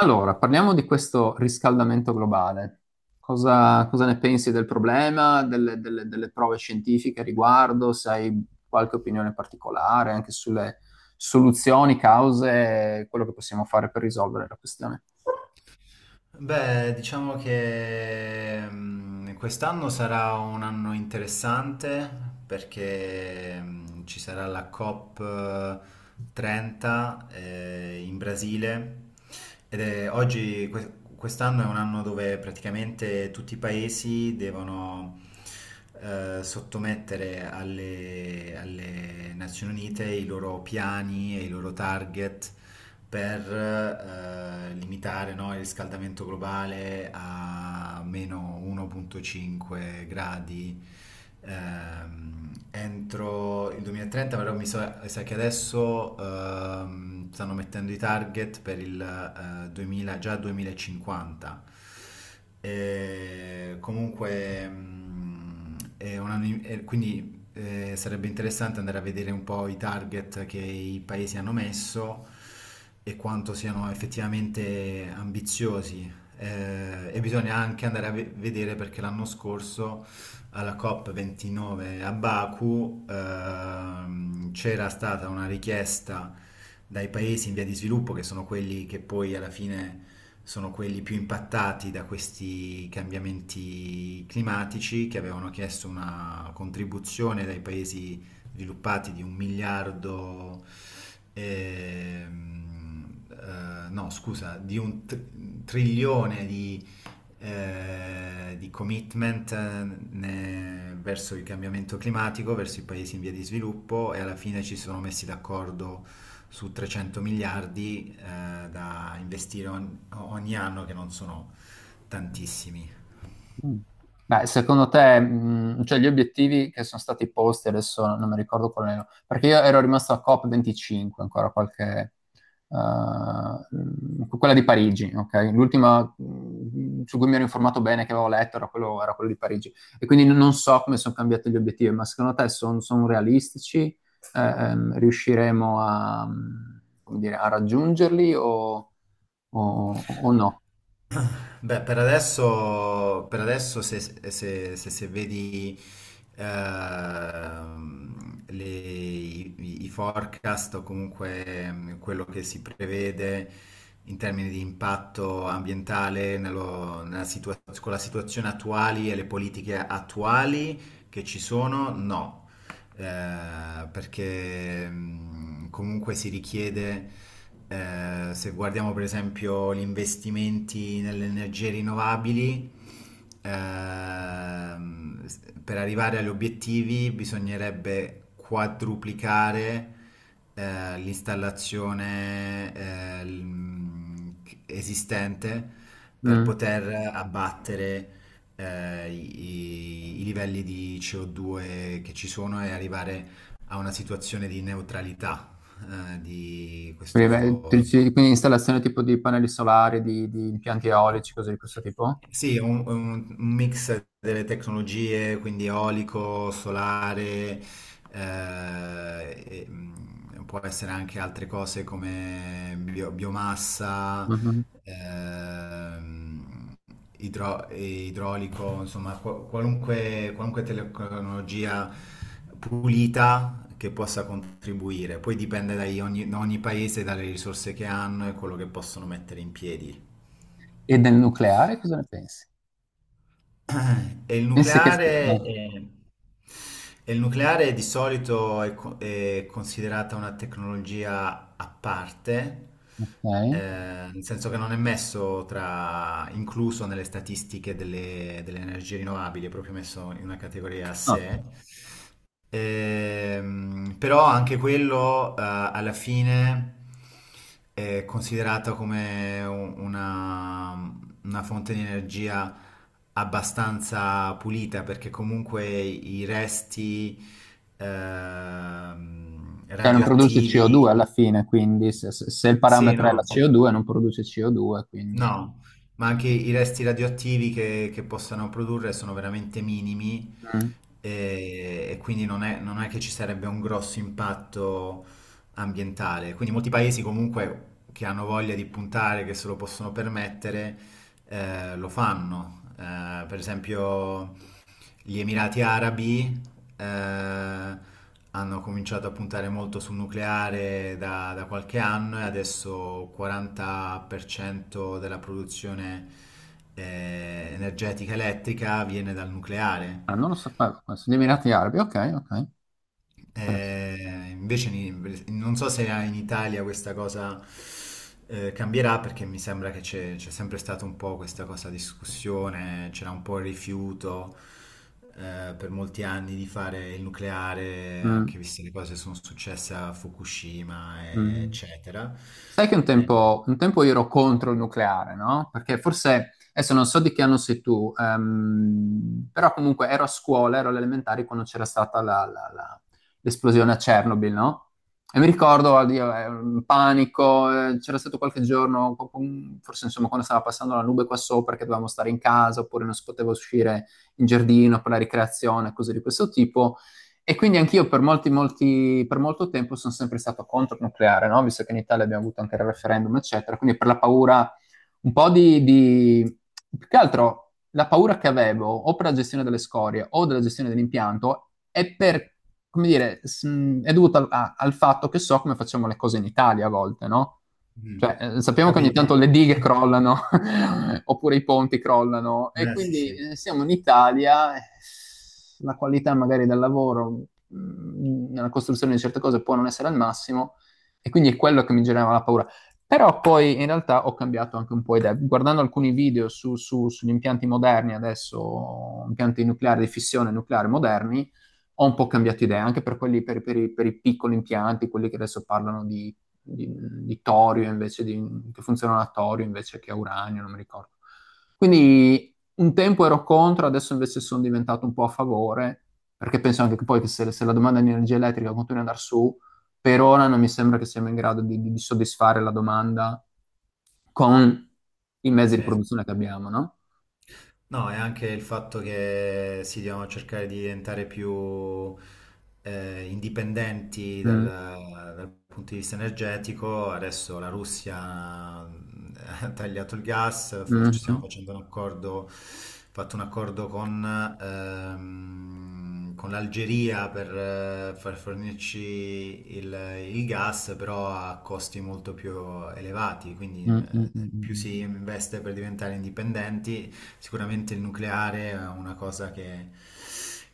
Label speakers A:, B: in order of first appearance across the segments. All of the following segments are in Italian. A: Allora, parliamo di questo riscaldamento globale. Cosa ne pensi del problema, delle prove scientifiche a riguardo? Se hai qualche opinione particolare anche sulle soluzioni, cause, quello che possiamo fare per risolvere la questione?
B: Beh, diciamo che quest'anno sarà un anno interessante perché ci sarà la COP30 in Brasile oggi quest'anno è un anno dove praticamente tutti i paesi devono sottomettere alle Nazioni Unite i loro piani e i loro target per limitare, no, il riscaldamento globale a meno 1,5 gradi entro il 2030. Però mi sa che adesso stanno mettendo i target per il 2000, già 2050. E comunque, quindi sarebbe interessante andare a vedere un po' i target che i paesi hanno messo e quanto siano effettivamente ambiziosi. E bisogna anche andare a vedere perché l'anno scorso alla COP29 a Baku c'era stata una richiesta dai paesi in via di sviluppo, che sono quelli che poi alla fine sono quelli più impattati da questi cambiamenti climatici, che avevano chiesto una contribuzione dai paesi sviluppati di un miliardo, no scusa, di un trilione di commitment verso il cambiamento climatico, verso i paesi in via di sviluppo e alla fine ci sono messi d'accordo su 300 miliardi da investire ogni anno, che non sono tantissimi.
A: Mm. Beh, secondo te, cioè gli obiettivi che sono stati posti, adesso non mi ricordo qual erano, perché io ero rimasto a COP25, ancora qualche, quella di Parigi, ok? L'ultima su cui mi ero informato bene, che avevo letto, era quello di Parigi. E quindi non so come sono cambiati gli obiettivi, ma secondo te sono realistici? Riusciremo a, come dire, a raggiungerli o- o no?
B: Beh, per adesso se vedi i forecast o comunque quello che si prevede in termini di impatto ambientale con la situazione attuali e le politiche attuali che ci sono, no perché comunque si richiede, se guardiamo per esempio gli investimenti nelle energie rinnovabili, per arrivare agli obiettivi bisognerebbe quadruplicare l'installazione eh, l- mh, esistente per
A: Mm.
B: poter abbattere i livelli di CO2 che ci sono e arrivare a una situazione di neutralità, di
A: Quindi, beh,
B: questo...
A: quindi installazione tipo di pannelli solari, di impianti eolici, cose di questo tipo?
B: Sì, è un mix delle tecnologie, quindi eolico, solare, può essere anche altre cose come biomassa,
A: Mhm.
B: ehm, idraulico, insomma, qualunque tecnologia pulita che possa contribuire. Poi dipende da ogni paese, dalle risorse che hanno e quello che possono mettere in piedi.
A: E del nucleare cosa ne pensi?
B: E il
A: Pensi che...
B: nucleare,
A: No.
B: è- e il nucleare di solito è considerata una tecnologia a parte, eh,
A: Ok.
B: nel senso che non è messo tra, incluso nelle statistiche delle energie rinnovabili, è proprio messo in una categoria a
A: No.
B: sé. Però anche quello alla fine è considerato come una fonte di energia abbastanza pulita perché comunque i resti
A: Cioè non produce CO2
B: radioattivi,
A: alla fine, quindi se il
B: sì,
A: parametro è la
B: no.
A: CO2 non produce CO2, quindi...
B: No, ma anche i resti radioattivi che possano produrre sono veramente minimi
A: Mm.
B: e quindi non è, non è che ci sarebbe un grosso impatto ambientale. Quindi molti paesi comunque che hanno voglia di puntare, che se lo possono permettere, lo fanno. Per esempio gli Emirati Arabi eh, hanno cominciato a puntare molto sul nucleare da qualche anno e adesso il 40% della produzione energetica elettrica viene dal nucleare.
A: Ah, non lo sapevo, questo. Gli Emirati Arabi, ok, ok. Interessante.
B: Non so se in Italia questa cosa cambierà perché mi sembra che c'è sempre stata un po' questa cosa discussione, c'era un po' il rifiuto per molti anni di fare il nucleare, anche
A: Mm,
B: viste le cose che sono successe a Fukushima,
A: mm.
B: eccetera.
A: Sai che
B: Eh,
A: un tempo io ero contro il nucleare, no? Perché forse, adesso non so di che anno sei tu, però comunque ero a scuola, ero alle elementari quando c'era stata l'esplosione a Chernobyl, no? E mi ricordo, oddio, un panico, c'era stato qualche giorno, forse insomma quando stava passando la nube qua sopra, che dovevamo stare in casa oppure non si poteva uscire in giardino per la ricreazione, cose di questo tipo. E quindi anch'io per per molto tempo sono sempre stato contro il nucleare, no? Visto che in Italia abbiamo avuto anche il referendum, eccetera. Quindi per la paura, un po' di... Più che altro, la paura che avevo, o per la gestione delle scorie, o della gestione dell'impianto, è per, come dire, è dovuta al fatto che so come facciamo le cose in Italia a volte, no?
B: mm,
A: Cioè,
B: Ho
A: sappiamo che ogni
B: capito.
A: tanto le dighe
B: Eh,
A: crollano, oppure i ponti crollano, e
B: sì,
A: quindi
B: sì.
A: siamo in Italia, la qualità magari del lavoro, nella costruzione di certe cose può non essere al massimo, e quindi è quello che mi generava la paura. Però poi in realtà ho cambiato anche un po' idea. Guardando alcuni video sugli impianti moderni adesso, impianti nucleari di fissione nucleare moderni, ho un po' cambiato idea, anche per quelli, per i piccoli impianti, quelli che adesso parlano di, di torio che funzionano a torio invece che a uranio, non mi ricordo. Quindi un tempo ero contro, adesso invece sono diventato un po' a favore, perché penso anche che poi che se, se la domanda di energia elettrica continua ad andare su, per ora non mi sembra che siamo in grado di, di soddisfare la domanda con i mezzi di
B: Sì.
A: produzione che abbiamo, no?
B: No, è anche il fatto che si devono cercare di diventare più indipendenti
A: Mm,
B: dal punto di vista energetico. Adesso la Russia ha tagliato il gas,
A: mm,
B: ci stiamo
A: mm,
B: facendo un accordo, fatto un accordo con l'Algeria per far fornirci il gas, però a costi molto più elevati, quindi
A: mm, mm,
B: più si
A: mm,
B: investe per diventare indipendenti, sicuramente il nucleare è una cosa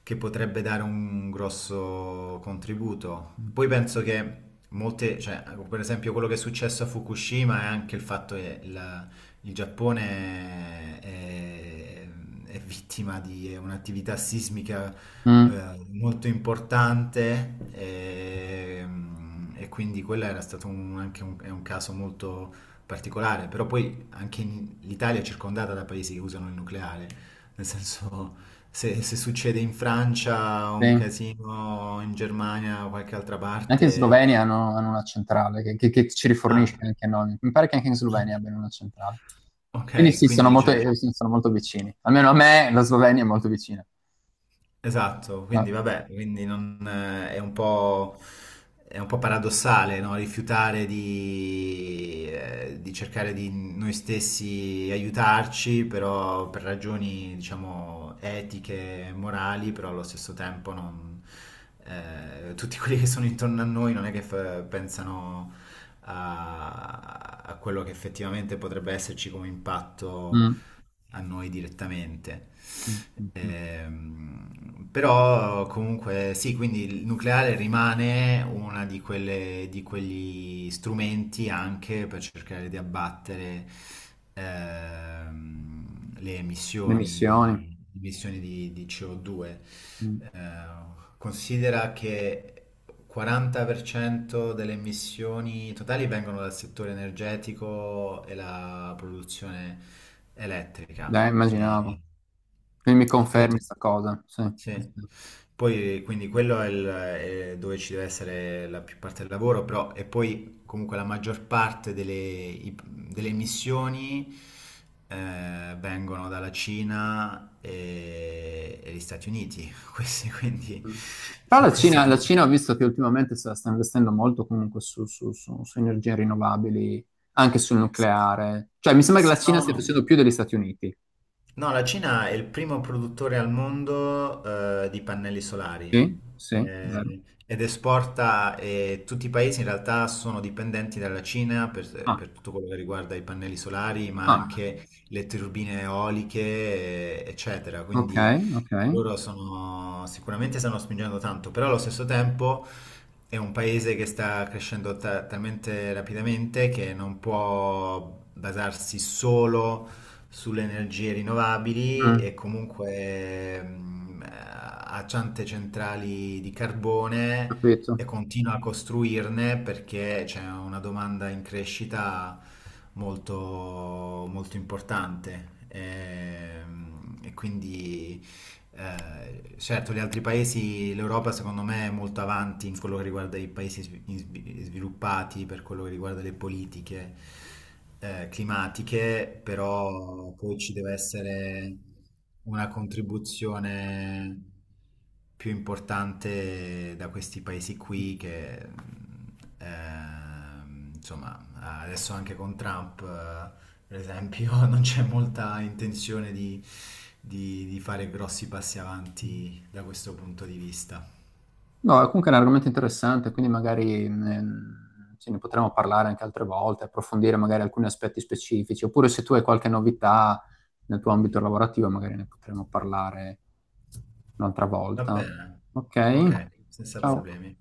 B: che potrebbe dare un grosso contributo.
A: mm,
B: Poi penso che molte, cioè, per esempio quello che è successo a Fukushima è anche il fatto che il Giappone è vittima di un'attività sismica
A: mm,
B: molto importante e quindi quello era stato è un caso molto particolare, però poi anche l'Italia è circondata da paesi che usano il nucleare, nel senso se succede in Francia un
A: sì.
B: casino, in Germania o qualche altra
A: Anche in
B: parte...
A: Slovenia hanno, hanno una centrale che ci rifornisce
B: Ah,
A: anche a noi. Mi pare che anche in Slovenia abbiano una centrale. Quindi
B: ok, quindi c'è...
A: sì, sono molto vicini. Almeno a me la Slovenia è molto vicina.
B: Esatto,
A: Ah.
B: quindi vabbè, quindi non, è un po' paradossale, no? Rifiutare di cercare di noi stessi aiutarci, però per ragioni, diciamo, etiche e morali, però allo stesso tempo non, tutti quelli che sono intorno a noi non è che pensano a, a quello che effettivamente potrebbe esserci come impatto
A: Mm.
B: a noi direttamente.
A: Mm, mm, mm.
B: Però comunque sì, quindi il nucleare rimane una di quelle, di quegli strumenti anche per cercare di abbattere le
A: Le
B: emissioni
A: missioni.
B: emissioni di CO2.
A: Mm.
B: Eh, Considera che 40% delle emissioni totali vengono dal settore energetico e la produzione elettrica.
A: Dai, immaginavo. Quindi mi
B: E poi
A: confermi
B: tut-
A: questa cosa. Sì.
B: sì. Poi, quindi quello è, è dove ci deve essere la più parte del lavoro, però e poi comunque la maggior parte delle emissioni vengono dalla Cina e gli Stati Uniti, questi, quindi
A: Mm. Però
B: su questo
A: La
B: punto.
A: Cina ho visto che ultimamente sta, sta investendo molto comunque su, su energie rinnovabili, anche sul
B: Sì,
A: nucleare. Cioè, mi sembra che la
B: sì,
A: Cina
B: no, no,
A: stia
B: no.
A: facendo più degli Stati Uniti.
B: No, la Cina è il primo produttore al mondo di pannelli solari
A: Sì, sì, vero.
B: ed esporta, e tutti i paesi in realtà sono dipendenti dalla Cina
A: Ah,
B: per tutto quello che riguarda i pannelli solari, ma
A: ah,
B: anche le turbine eoliche, eccetera.
A: ok,
B: Quindi
A: ok.
B: loro sono, sicuramente stanno spingendo tanto, però allo stesso tempo è un paese che sta crescendo talmente rapidamente che non può basarsi solo sulle energie rinnovabili
A: Mm,
B: e comunque ha tante centrali di carbone
A: capito.
B: e continua a costruirne perché c'è una domanda in crescita molto, molto importante. Quindi certo, gli altri paesi, l'Europa secondo me è molto avanti in quello che riguarda i paesi sviluppati, per quello che riguarda le politiche climatiche, però poi ci deve essere una contribuzione più importante da questi paesi qui che, insomma, adesso anche con Trump... per esempio, non c'è molta intenzione di, di fare grossi passi avanti da questo punto di vista.
A: No, è comunque è un argomento interessante, quindi magari ce ne potremo parlare anche altre volte, approfondire magari alcuni aspetti specifici, oppure se tu hai qualche novità nel tuo ambito lavorativo, magari ne potremo parlare un'altra
B: Va
A: volta.
B: bene?
A: Ok,
B: Ok, senza
A: ciao.
B: problemi.